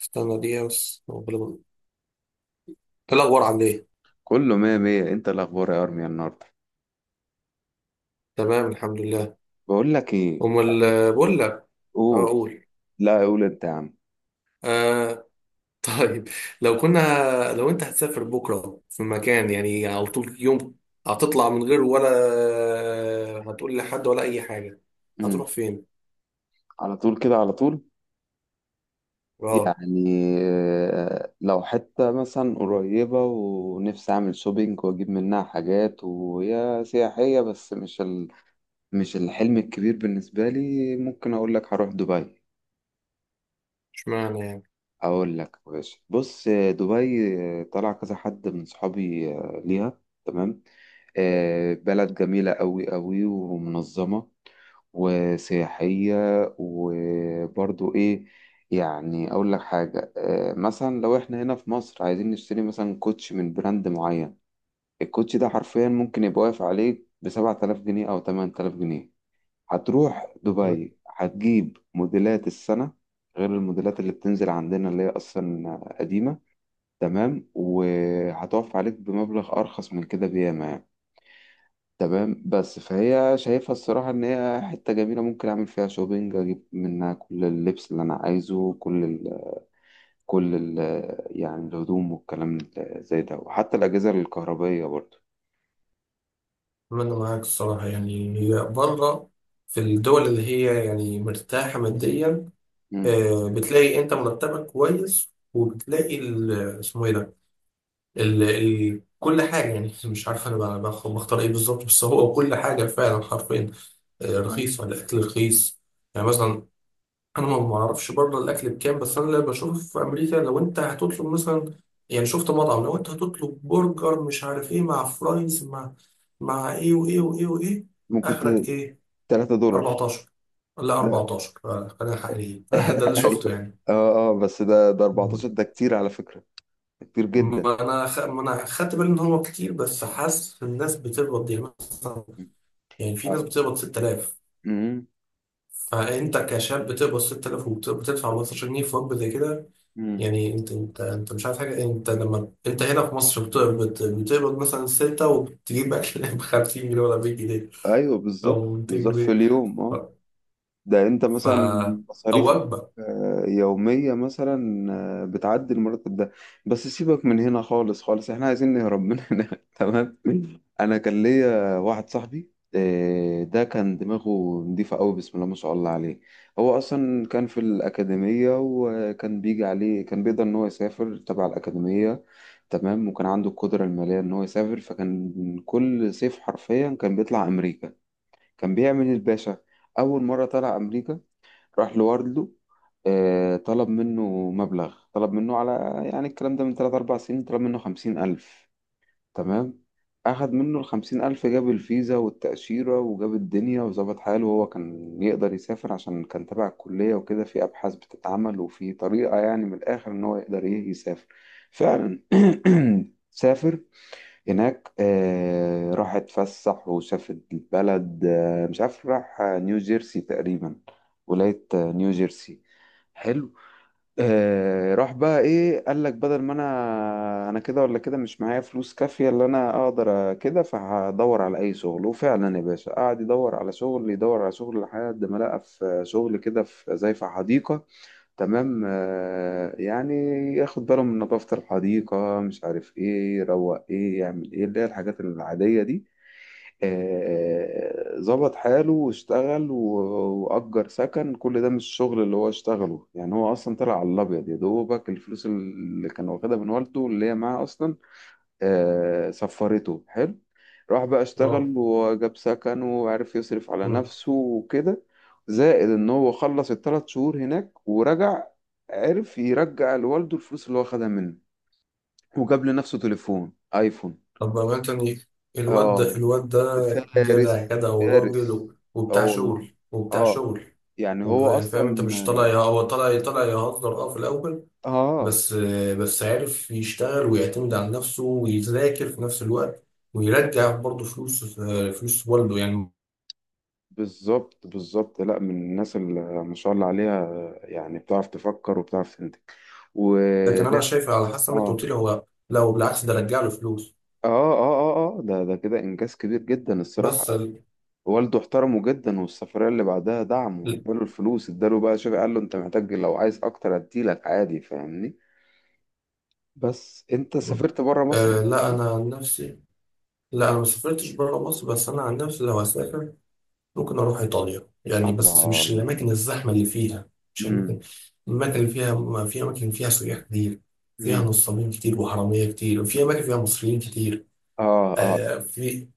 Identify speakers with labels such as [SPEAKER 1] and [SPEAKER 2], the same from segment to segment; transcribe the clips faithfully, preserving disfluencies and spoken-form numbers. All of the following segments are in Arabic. [SPEAKER 1] استنى دقيقة بس. ربنا- إيه الأخبار، عامل إيه؟
[SPEAKER 2] كله مية مية، انت إيه الاخبار يا ارميا النهارده؟
[SPEAKER 1] تمام الحمد لله.
[SPEAKER 2] بقول لك ايه.
[SPEAKER 1] أمال آه، بقول لك. أه،
[SPEAKER 2] قول.
[SPEAKER 1] أقول.
[SPEAKER 2] لا، قول انت يا عم.
[SPEAKER 1] آه. طيب. لو كنا لو أنت هتسافر بكرة في مكان يعني على طول يوم، هتطلع من غير ولا هتقول لحد ولا أي حاجة؟
[SPEAKER 2] امم
[SPEAKER 1] هتروح فين؟
[SPEAKER 2] على طول كده، على طول.
[SPEAKER 1] أه.
[SPEAKER 2] يعني، آه، لو حتة مثلا قريبة ونفسي أعمل شوبينج وأجيب منها حاجات، وهي سياحية بس مش ال... مش الحلم الكبير بالنسبة لي. ممكن أقول لك هروح دبي.
[SPEAKER 1] اشمعنى يعني؟
[SPEAKER 2] أقول لك يا باشا، بص، آه، دبي. آه، طلع كذا حد من صحابي، آه، ليها. تمام. آه، بلد جميلة أوي أوي ومنظمة، وسياحية، وبرضو إيه، يعني أقول لك حاجة، آه، مثلا لو إحنا هنا في مصر عايزين نشتري مثلا كوتش من براند معين، الكوتش ده حرفيا ممكن يبقى واقف عليك بسبعة آلاف جنيه أو تمن آلاف جنيه. هتروح دبي هتجيب موديلات السنة، غير الموديلات اللي بتنزل عندنا اللي هي أصلا قديمة. تمام، وهتقف عليك بمبلغ أرخص من كده بياما يعني. تمام. بس فهي شايفها الصراحة إن هي حتة جميلة، ممكن أعمل فيها شوبينج، أجيب منها كل اللبس اللي أنا عايزه، كل ال كل ال يعني الهدوم والكلام ال- زي ده، وحتى الأجهزة الكهربائية برضه.
[SPEAKER 1] أتمنى معاك الصراحة، يعني هي بره في الدول اللي هي يعني مرتاحة ماديا.
[SPEAKER 2] مم.
[SPEAKER 1] آه، بتلاقي أنت مرتبك كويس، وبتلاقي ال- اسمه إيه ده، ال... ال... كل حاجة، يعني مش عارف أنا بقى- بخ- بختار إيه بالظبط، بس هو كل حاجة فعلا حرفيا آه،
[SPEAKER 2] أيوة.
[SPEAKER 1] رخيصة، الأكل رخيص. يعني مثلا أنا ما ما أعرفش بره الأكل بكام، بس أنا اللي بشوف في أمريكا لو أنت هتطلب مثلا، يعني شفت مطعم، لو أنت هتطلب برجر مش عارف إيه مع فرايز مع مع إيه وإيه وإيه وإيه،
[SPEAKER 2] ممكن ت-
[SPEAKER 1] آخرك إيه؟
[SPEAKER 2] تلات دولار.
[SPEAKER 1] اربعة عشر. لا
[SPEAKER 2] لا.
[SPEAKER 1] اربعة عشر، آه، خلينا حقيقيين. ده اللي شفته
[SPEAKER 2] أيوه.
[SPEAKER 1] يعني.
[SPEAKER 2] أه أه بس ده ده أربعة عشر، ده كتير على فكرة، ده كتير جدا.
[SPEAKER 1] ما انا خ... ما انا خدت بالي ان هو كتير، بس حاسس الناس بتقبض يعني مثلا.
[SPEAKER 2] مم.
[SPEAKER 1] يعني في ناس
[SPEAKER 2] أيوة.
[SPEAKER 1] بتقبض ستة آلاف.
[SPEAKER 2] مم.
[SPEAKER 1] فانت كشاب بتقبض ست تلاف وبتدفع خمستاشر جنيه في وجبه زي كده.
[SPEAKER 2] مم.
[SPEAKER 1] يعني انت انت انت مش عارف حاجه، انت لما انت هنا في مصر بتقبض بتقبض مثلا ستة وبتجيب اكل ب خمسين جنيه ولا مية جنيه
[SPEAKER 2] أيوه
[SPEAKER 1] او
[SPEAKER 2] بالظبط
[SPEAKER 1] 200
[SPEAKER 2] بالظبط، في
[SPEAKER 1] جنيه
[SPEAKER 2] اليوم،
[SPEAKER 1] ف...
[SPEAKER 2] أه. ده انت
[SPEAKER 1] ف...
[SPEAKER 2] مثلا
[SPEAKER 1] او
[SPEAKER 2] مصاريفك
[SPEAKER 1] وجبه.
[SPEAKER 2] آه، يومية مثلا آه، بتعدي المرتب ده. بس سيبك من هنا خالص خالص، احنا عايزين نهرب من هنا. تمام. انا كان ليا واحد صاحبي آه، ده كان دماغه نضيفة قوي، بسم الله ما شاء الله عليه. هو اصلا كان في الأكاديمية، وكان بيجي عليه، كان بيقدر ان هو يسافر تبع الأكاديمية. تمام، وكان عنده القدرة المالية ان هو يسافر، فكان كل صيف حرفيا كان بيطلع امريكا، كان بيعمل الباشا. اول مره طلع امريكا راح لوردلو. آه، طلب منه مبلغ، طلب منه على، يعني الكلام ده من ثلاثة أربعة سنين، طلب منه خمسين ألف. تمام. أخد منه ال خمسين ألف، جاب الفيزا والتأشيرة، وجاب الدنيا وظبط حاله. وهو كان يقدر يسافر عشان كان تبع الكلية وكده، في أبحاث بتتعمل، وفي طريقة يعني من الآخر إن هو يقدر إيه يسافر فعلا. سافر هناك، آه، راح اتفسح وشافت البلد. آه، مش عارف، راح نيو جيرسي تقريبا، ولاية آه، نيو جيرسي. حلو. آه، راح بقى ايه، قال لك بدل ما انا انا كده ولا كده، مش معايا فلوس كافية اللي انا اقدر كده، فهدور على اي شغل. وفعلا يا باشا، قعد يدور على شغل يدور على شغل، لحد ما لقى في شغل كده، في زي في حديقة. تمام، آه، يعني ياخد باله من نظافة الحديقة، مش عارف ايه، يروق ايه، يعمل ايه، اللي هي الحاجات العادية دي. آه، ظبط حاله واشتغل. و- وأجر سكن كل ده، مش الشغل اللي هو اشتغله، يعني هو أصلا طلع على الأبيض يا دوبك الفلوس اللي كان واخدها من والده، اللي هي معاه أصلا. آه، سفرته حلو، راح بقى
[SPEAKER 1] اه.
[SPEAKER 2] اشتغل وجاب سكن، وعرف يصرف على
[SPEAKER 1] مم.
[SPEAKER 2] نفسه وكده. زائد ان هو خلص الثلاث شهور هناك ورجع، عرف يرجع لوالده الفلوس اللي هو خدها منه، وجاب لنفسه تليفون ايفون.
[SPEAKER 1] طب بقى تاني، الواد ده
[SPEAKER 2] اه.
[SPEAKER 1] الواد ده جدع
[SPEAKER 2] فارس.
[SPEAKER 1] جدع وراجل
[SPEAKER 2] فارس.
[SPEAKER 1] و...
[SPEAKER 2] اه
[SPEAKER 1] وبتاع
[SPEAKER 2] والله.
[SPEAKER 1] شغل وبتاع
[SPEAKER 2] اه.
[SPEAKER 1] شغل.
[SPEAKER 2] يعني
[SPEAKER 1] وب-
[SPEAKER 2] هو
[SPEAKER 1] يعني فاهم انت، مش طالع
[SPEAKER 2] اصلا،
[SPEAKER 1] يه- هو طالع طالع يهزر اه في الاول.
[SPEAKER 2] اه
[SPEAKER 1] بس بس عارف يشتغل ويعتمد على نفسه ويذاكر في نفس الوقت، ويرجع برضه فلوس، فلوس والده يعني.
[SPEAKER 2] بالظبط بالظبط، لا من الناس اللي ما شاء الله عليها، يعني بتعرف تفكر وبتعرف تنتج،
[SPEAKER 1] لكن انا
[SPEAKER 2] ولا؟
[SPEAKER 1] شايف، على حسب ما انت
[SPEAKER 2] اه
[SPEAKER 1] قلت لي، هو لو بالعكس ده رجع له فلوس.
[SPEAKER 2] اه اه اه اه ده ده كده انجاز كبير جدا
[SPEAKER 1] بس
[SPEAKER 2] الصراحه.
[SPEAKER 1] ال...
[SPEAKER 2] والده احترمه جدا، والسفريه اللي بعدها دعمه،
[SPEAKER 1] ال-
[SPEAKER 2] اداله الفلوس، اداله بقى، شوف، قال له انت محتاج، لو عايز اكتر اديلك عادي، فاهمني. بس انت سافرت بره مصر قبل
[SPEAKER 1] آه لا،
[SPEAKER 2] كده؟
[SPEAKER 1] انا عن نفسي، لا انا ما سافرتش بره مصر، بس انا عن نفسي لو هسافر ممكن اروح ايطاليا يعني، بس مش
[SPEAKER 2] الله.
[SPEAKER 1] الاماكن الزحمه اللي فيها، مش
[SPEAKER 2] امم.
[SPEAKER 1] الاماكن الاماكن اللي فيها، ما في اماكن فيها سياح كتير، فيها
[SPEAKER 2] امم.
[SPEAKER 1] نصابين كتير وحراميه كتير، وفي اماكن فيها مصريين كتير.
[SPEAKER 2] اه اه.
[SPEAKER 1] آه في.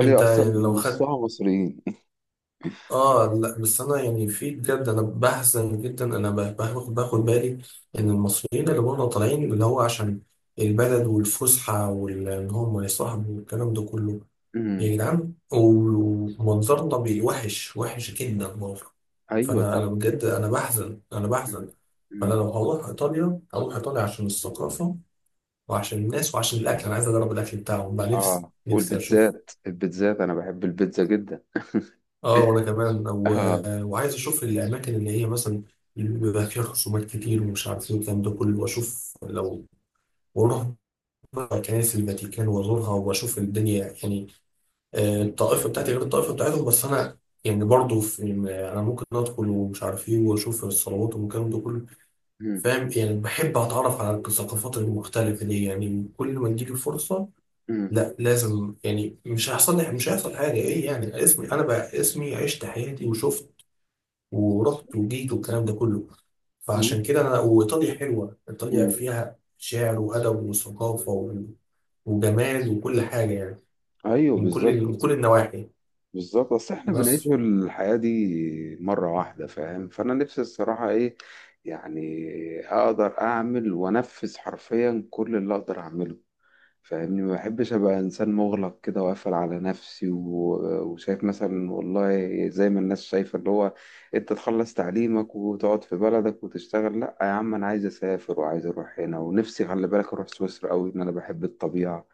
[SPEAKER 1] انت
[SPEAKER 2] اصلا
[SPEAKER 1] يعني لو خدت،
[SPEAKER 2] نصها مصريين.
[SPEAKER 1] اه لا بس انا يعني في بجد انا بحزن جدا. انا ب- باخد باخد بالي ان المصريين اللي بره طالعين اللي هو عشان البلد والفسحه، وان هم يصاحبوا والكلام ده كله.
[SPEAKER 2] امم.
[SPEAKER 1] يا جدعان، ومنظرنا بيوحش وحش جدا برضه.
[SPEAKER 2] ايوه،
[SPEAKER 1] فانا انا
[SPEAKER 2] طب.
[SPEAKER 1] بجد، انا بحزن، انا بحزن.
[SPEAKER 2] امم.
[SPEAKER 1] فانا
[SPEAKER 2] امم.
[SPEAKER 1] لو هروح ايطاليا هروح ايطاليا عشان الثقافه وعشان الناس وعشان الاكل، انا عايز اجرب الاكل بتاعهم بقى. نفسي
[SPEAKER 2] اه،
[SPEAKER 1] نفسي اشوف.
[SPEAKER 2] والبيتزات، البيتزات انا بحب البيتزا جدا.
[SPEAKER 1] اه وانا كمان و...
[SPEAKER 2] اه.
[SPEAKER 1] وعايز اشوف الاماكن اللي هي مثلا اللي بيبقى فيها خصومات كتير ومش عارف ايه والكلام ده كله، واشوف لو، واروح بقى كنائس الفاتيكان وازورها واشوف الدنيا يعني. آه، الطائفة بتاعتي غير الطائفة بتاعتهم، بس أنا يعني برضه في، يعني أنا ممكن أدخل ومش عارف إيه وأشوف الصلوات والكلام ده كله.
[SPEAKER 2] امم.
[SPEAKER 1] فاهم يعني، بحب أتعرف على الثقافات المختلفة دي، يعني كل ما تجيلي الفرصة
[SPEAKER 2] امم.
[SPEAKER 1] لا لازم يعني، مش هيحصل لي، مش هيحصل حاجة إيه يعني، اسمي أنا بقى اسمي، عشت حياتي وشفت ورحت وجيت والكلام ده كله. فعشان
[SPEAKER 2] امم.
[SPEAKER 1] كده أنا وإيطاليا، حلوة إيطاليا،
[SPEAKER 2] أمم.
[SPEAKER 1] فيها شعر وأدب وثقافة و- وجمال وكل حاجة يعني،
[SPEAKER 2] ايوه
[SPEAKER 1] من كل من
[SPEAKER 2] بالظبط
[SPEAKER 1] كل النواحي.
[SPEAKER 2] بالظبط، اصل احنا بنعيش
[SPEAKER 1] بس.
[SPEAKER 2] الحياة دي مرة واحدة، فاهم، فانا نفسي الصراحة ايه يعني، اقدر اعمل وانفذ حرفيا كل اللي اقدر اعمله، فاهمني. ما بحبش ابقى انسان مغلق كده وقافل على نفسي، و- وشايف مثلا، والله زي ما الناس شايفة اللي هو، انت تخلص تعليمك وتقعد في بلدك وتشتغل. لا يا عم، انا عايز اسافر وعايز اروح هنا، ونفسي، خلي بالك، اروح سويسرا قوي، ان انا بحب الطبيعة.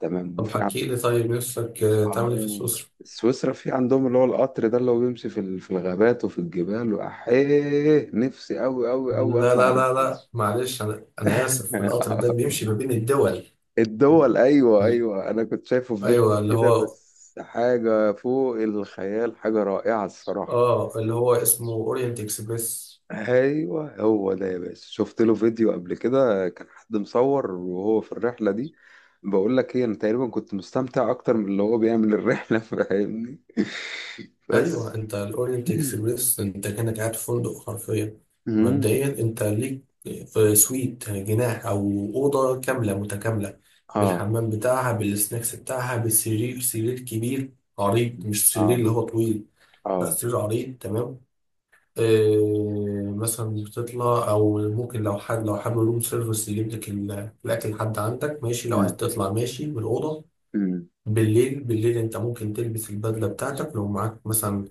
[SPEAKER 2] تمام،
[SPEAKER 1] طب
[SPEAKER 2] وفي،
[SPEAKER 1] حكي لي، طيب نفسك آه، تعمل ايه في
[SPEAKER 2] اه،
[SPEAKER 1] سويسرا؟
[SPEAKER 2] سويسرا في عندهم اللي هو القطر ده اللي هو بيمشي في ال- في الغابات وفي الجبال، واحيه نفسي أوي أوي أوي
[SPEAKER 1] لا
[SPEAKER 2] اطلع
[SPEAKER 1] لا لا
[SPEAKER 2] الرحله.
[SPEAKER 1] لا، معلش، انا انا اسف، القطر ده بيمشي ما بين الدول.
[SPEAKER 2] الدول، ايوه ايوه. انا كنت شايفه في فيديو
[SPEAKER 1] ايوه اللي
[SPEAKER 2] كده،
[SPEAKER 1] هو
[SPEAKER 2] بس حاجه فوق الخيال، حاجه رائعه الصراحه.
[SPEAKER 1] اه اللي هو اسمه اورينت اكسبريس.
[SPEAKER 2] ايوه هو ده يا باشا، شفت له فيديو قبل كده، كان حد مصور وهو في الرحله دي. بقول لك ايه، انا تقريبا كنت مستمتع اكتر من اللي هو بيعمل الرحله. فاهمني. بس.
[SPEAKER 1] ايوه، انت الاورينت اكسبريس انت كانك قاعد في فندق حرفيا. مبدئيا انت ليك في سويت، جناح او اوضه كامله متكامله،
[SPEAKER 2] اه
[SPEAKER 1] بالحمام بتاعها بالسناكس بتاعها بالسرير، سرير كبير عريض، مش سرير
[SPEAKER 2] اه
[SPEAKER 1] اللي هو طويل، لا
[SPEAKER 2] اه.
[SPEAKER 1] سرير عريض تمام. إيه مثلا، مش بتطلع، او ممكن لو حد لو حابب روم سيرفيس يجيب لك ال- الاكل لحد عندك ماشي، لو عايز
[SPEAKER 2] امم.
[SPEAKER 1] تطلع ماشي من الاوضه.
[SPEAKER 2] امم.
[SPEAKER 1] بالليل، بالليل انت ممكن تلبس البدله بتاعتك لو معاك مثلا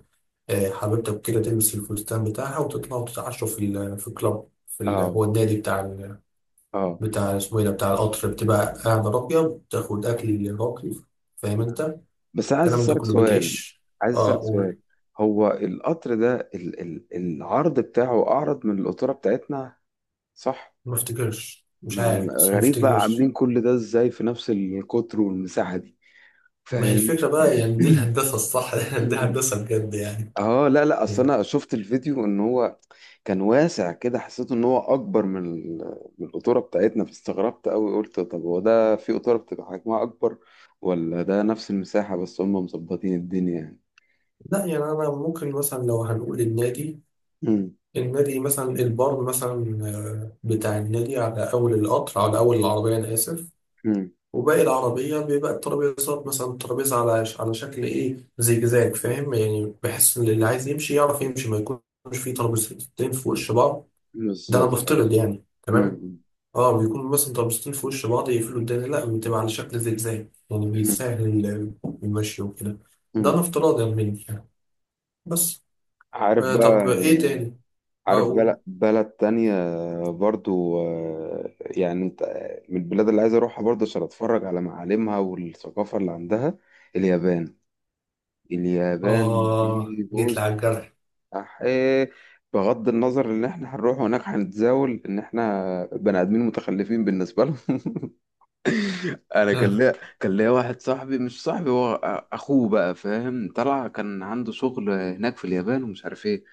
[SPEAKER 1] آه، حبيبتك كده تلبس الفستان بتاعها وتطلعوا تتعشوا في ال- في الكلاب في ال-
[SPEAKER 2] اه
[SPEAKER 1] هو النادي بتاع ال-
[SPEAKER 2] اه.
[SPEAKER 1] بتاع، اسمه ايه ده، بتاع القطر، بتبقى قاعده راقيه، بتاخد
[SPEAKER 2] آه.
[SPEAKER 1] اكل راقي. فاهم
[SPEAKER 2] مم.
[SPEAKER 1] انت
[SPEAKER 2] بس انا عايز
[SPEAKER 1] الكلام ده
[SPEAKER 2] اسالك
[SPEAKER 1] كله
[SPEAKER 2] سؤال،
[SPEAKER 1] بتعيش.
[SPEAKER 2] عايز
[SPEAKER 1] اه،
[SPEAKER 2] اسالك سؤال،
[SPEAKER 1] قول.
[SPEAKER 2] هو القطر ده، ال ال العرض بتاعه اعرض من القطوره بتاعتنا، صح؟
[SPEAKER 1] ما افتكرش، مش
[SPEAKER 2] ما أنا
[SPEAKER 1] عارف، بس ما
[SPEAKER 2] غريب بقى
[SPEAKER 1] افتكرش.
[SPEAKER 2] عاملين كل ده ازاي في نفس القطر والمساحه دي،
[SPEAKER 1] ما هي
[SPEAKER 2] فاهم؟
[SPEAKER 1] الفكرة بقى يعني، دي الهندسة الصح. دي هندسة بجد يعني.
[SPEAKER 2] اه لا لا، اصل
[SPEAKER 1] يعني-
[SPEAKER 2] انا شفت الفيديو ان هو كان واسع كده، حسيت ان هو اكبر من ال- من القطوره بتاعتنا، فاستغربت قوي، قلت طب هو ده في قطوره بتبقى حجمها اكبر، ولا ده نفس المساحه بس هم مظبطين الدنيا يعني؟
[SPEAKER 1] لا يعني أنا ممكن مثلا لو هنقول النادي،
[SPEAKER 2] مم.
[SPEAKER 1] النادي مثلا، البار مثلا آه، بتاع النادي على أول القطر، على أول العربية أنا آسف،
[SPEAKER 2] مم.
[SPEAKER 1] وباقي العربية بيبقى الترابيزات مثلا، الترابيزة على على شكل إيه زجزاج، فاهم يعني، بحيث إن اللي عايز يمشي يعرف يمشي، ما يكونش فيه ترابيزتين في وش بعض. ده أنا
[SPEAKER 2] بالظبط. مم.
[SPEAKER 1] بفترض يعني. تمام،
[SPEAKER 2] مم.
[SPEAKER 1] اه بيكونوا مثلا طابستين في وش بعض يقفلوا الدنيا، لا بتبقى على شكل زجزاج يعني
[SPEAKER 2] مم.
[SPEAKER 1] بيسهل ال- المشي وكده. ده انا
[SPEAKER 2] مم.
[SPEAKER 1] افتراض يعني مني يعني. بس.
[SPEAKER 2] عارف
[SPEAKER 1] آه
[SPEAKER 2] بقى،
[SPEAKER 1] طب ايه تاني،
[SPEAKER 2] عارف
[SPEAKER 1] اقول.
[SPEAKER 2] بلد بلد تانية برضو، آه، يعني انت- من البلاد اللي عايز اروحها برضو عشان اتفرج على معالمها والثقافه اللي عندها، اليابان. اليابان
[SPEAKER 1] اه
[SPEAKER 2] دي،
[SPEAKER 1] جيت لي
[SPEAKER 2] بص،
[SPEAKER 1] على الجرح.
[SPEAKER 2] أحيه، بغض النظر ان احنا هنروح هناك هنتزاول ان احنا بني ادمين متخلفين بالنسبه لهم. انا كان ليا، كان ليا واحد صاحبي، مش صاحبي، هو أ- اخوه بقى، فاهم، طلع كان عنده شغل هناك في اليابان ومش عارف ايه.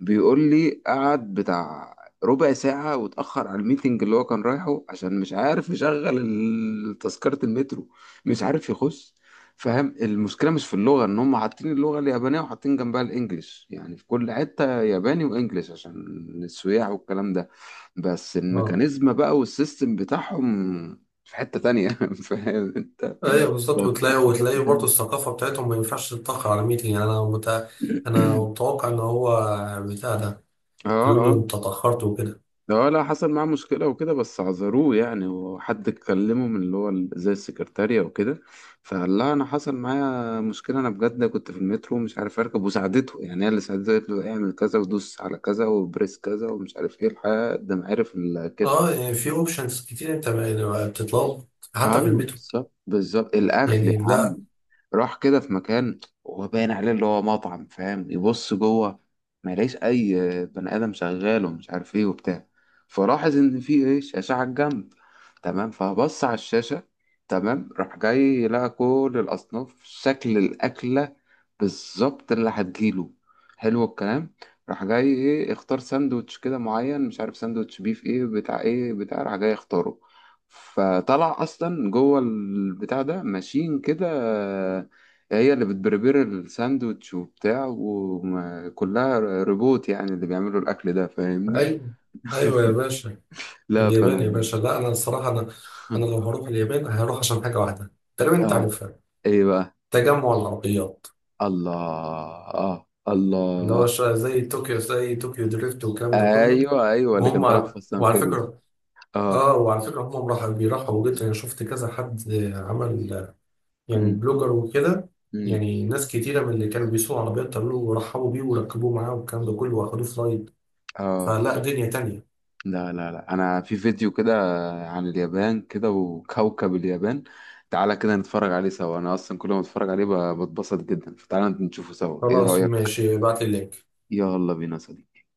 [SPEAKER 2] بيقول لي قعد بتاع ربع ساعة، واتأخر على الميتنج اللي هو كان رايحه، عشان مش عارف يشغل ال- تذكرة المترو، مش عارف يخش. فاهم المشكلة مش في اللغة، ان هم حاطين اللغة اليابانية وحاطين جنبها الانجليش، يعني في كل حتة ياباني وانجليش عشان السياح والكلام ده. بس
[SPEAKER 1] اه.
[SPEAKER 2] الميكانيزم بقى والسيستم بتاعهم في حتة تانية. فاهم انت؟
[SPEAKER 1] ايوه بالظبط،
[SPEAKER 2] بفكر
[SPEAKER 1] وتلاقي
[SPEAKER 2] في حتة
[SPEAKER 1] وتلاقي برضه
[SPEAKER 2] تانية.
[SPEAKER 1] الثقافه بتاعتهم ما ينفعش تتاخر على ميتنج يعني. انا متع... انا متوقع ان هو بتاع ده
[SPEAKER 2] اه
[SPEAKER 1] يقول
[SPEAKER 2] اه.
[SPEAKER 1] له انت اتاخرت وكده.
[SPEAKER 2] اه لا، حصل معاه مشكلة وكده، بس عذروه يعني، وحد اتكلمه من اللي هو ال- زي السكرتارية وكده. فقال لها أنا حصل معايا مشكلة، أنا بجد كنت في المترو ومش عارف أركب، وساعدته يعني، هي اللي ساعدته، قالت له اعمل كذا ودوس على كذا وبريس كذا ومش عارف إيه، لحد ما عرف الكت.
[SPEAKER 1] اه، يعني في اوبشنز كتير انت بتطلب حتى في
[SPEAKER 2] ايوه
[SPEAKER 1] المترو
[SPEAKER 2] بالظبط بالظبط. الاكل يا
[SPEAKER 1] يعني. لا
[SPEAKER 2] عم، راح كده في مكان، هو باين عليه اللي هو مطعم، فاهم، يبص جوه، ما يلاقيش اي بني ادم شغال، ومش عارف ايه وبتاع. فلاحظ ان في ايه، شاشه على الجنب. تمام، فبص على الشاشه. تمام، راح جاي لقى كل الاصناف، شكل الاكله بالظبط اللي هتجيله، حلو الكلام. راح جاي ايه، اختار ساندوتش كده معين، مش عارف ساندوتش بيف ايه بتاع ايه بتاع، راح جاي اختاره. فطلع اصلا جوه البتاع ده ماشين كده، هي اللي بتبربر الساندوتش وبتاع، وكلها روبوت يعني اللي بيعملوا الاكل ده، فاهمني.
[SPEAKER 1] ايوه، ايوه يا باشا.
[SPEAKER 2] لا
[SPEAKER 1] اليابان يا
[SPEAKER 2] فانا.
[SPEAKER 1] باشا، لا انا الصراحه، انا انا لو هروح اليابان هروح عشان حاجه واحده تقريبا انت
[SPEAKER 2] اه،
[SPEAKER 1] عارفها:
[SPEAKER 2] ايه بقى؟
[SPEAKER 1] تجمع العربيات
[SPEAKER 2] الله. اه،
[SPEAKER 1] اللي هو
[SPEAKER 2] الله.
[SPEAKER 1] ش- زي طوكيو، زي طوكيو دريفت والكلام ده كله.
[SPEAKER 2] ايوه ايوه، اللي كان
[SPEAKER 1] وهم
[SPEAKER 2] طالع في
[SPEAKER 1] ع-
[SPEAKER 2] فاست اند
[SPEAKER 1] وعلى
[SPEAKER 2] فيريوس.
[SPEAKER 1] فكره،
[SPEAKER 2] اه.
[SPEAKER 1] اه وعلى فكره هم راح بيرحبوا جدا، انا شفت كذا حد عمل يعني
[SPEAKER 2] امم.
[SPEAKER 1] بلوجر وكده،
[SPEAKER 2] امم.
[SPEAKER 1] يعني ناس كتيره من اللي كانوا بيسوقوا عربيات قالوا له ورحبوا بيه وركبوه معاه والكلام ده كله واخدوه في رايد.
[SPEAKER 2] اه
[SPEAKER 1] فلا، دنيا تانية.
[SPEAKER 2] لا لا لا، انا في فيديو كده عن اليابان كده، وكوكب اليابان، تعالى كده نتفرج عليه سوا، انا اصلا كل ما اتفرج عليه ب- بتبسط جدا، فتعالى نشوفه سوا، ايه
[SPEAKER 1] خلاص
[SPEAKER 2] رأيك؟
[SPEAKER 1] ماشي، ابعت لي اللينك.
[SPEAKER 2] يلا بينا يا صديقي.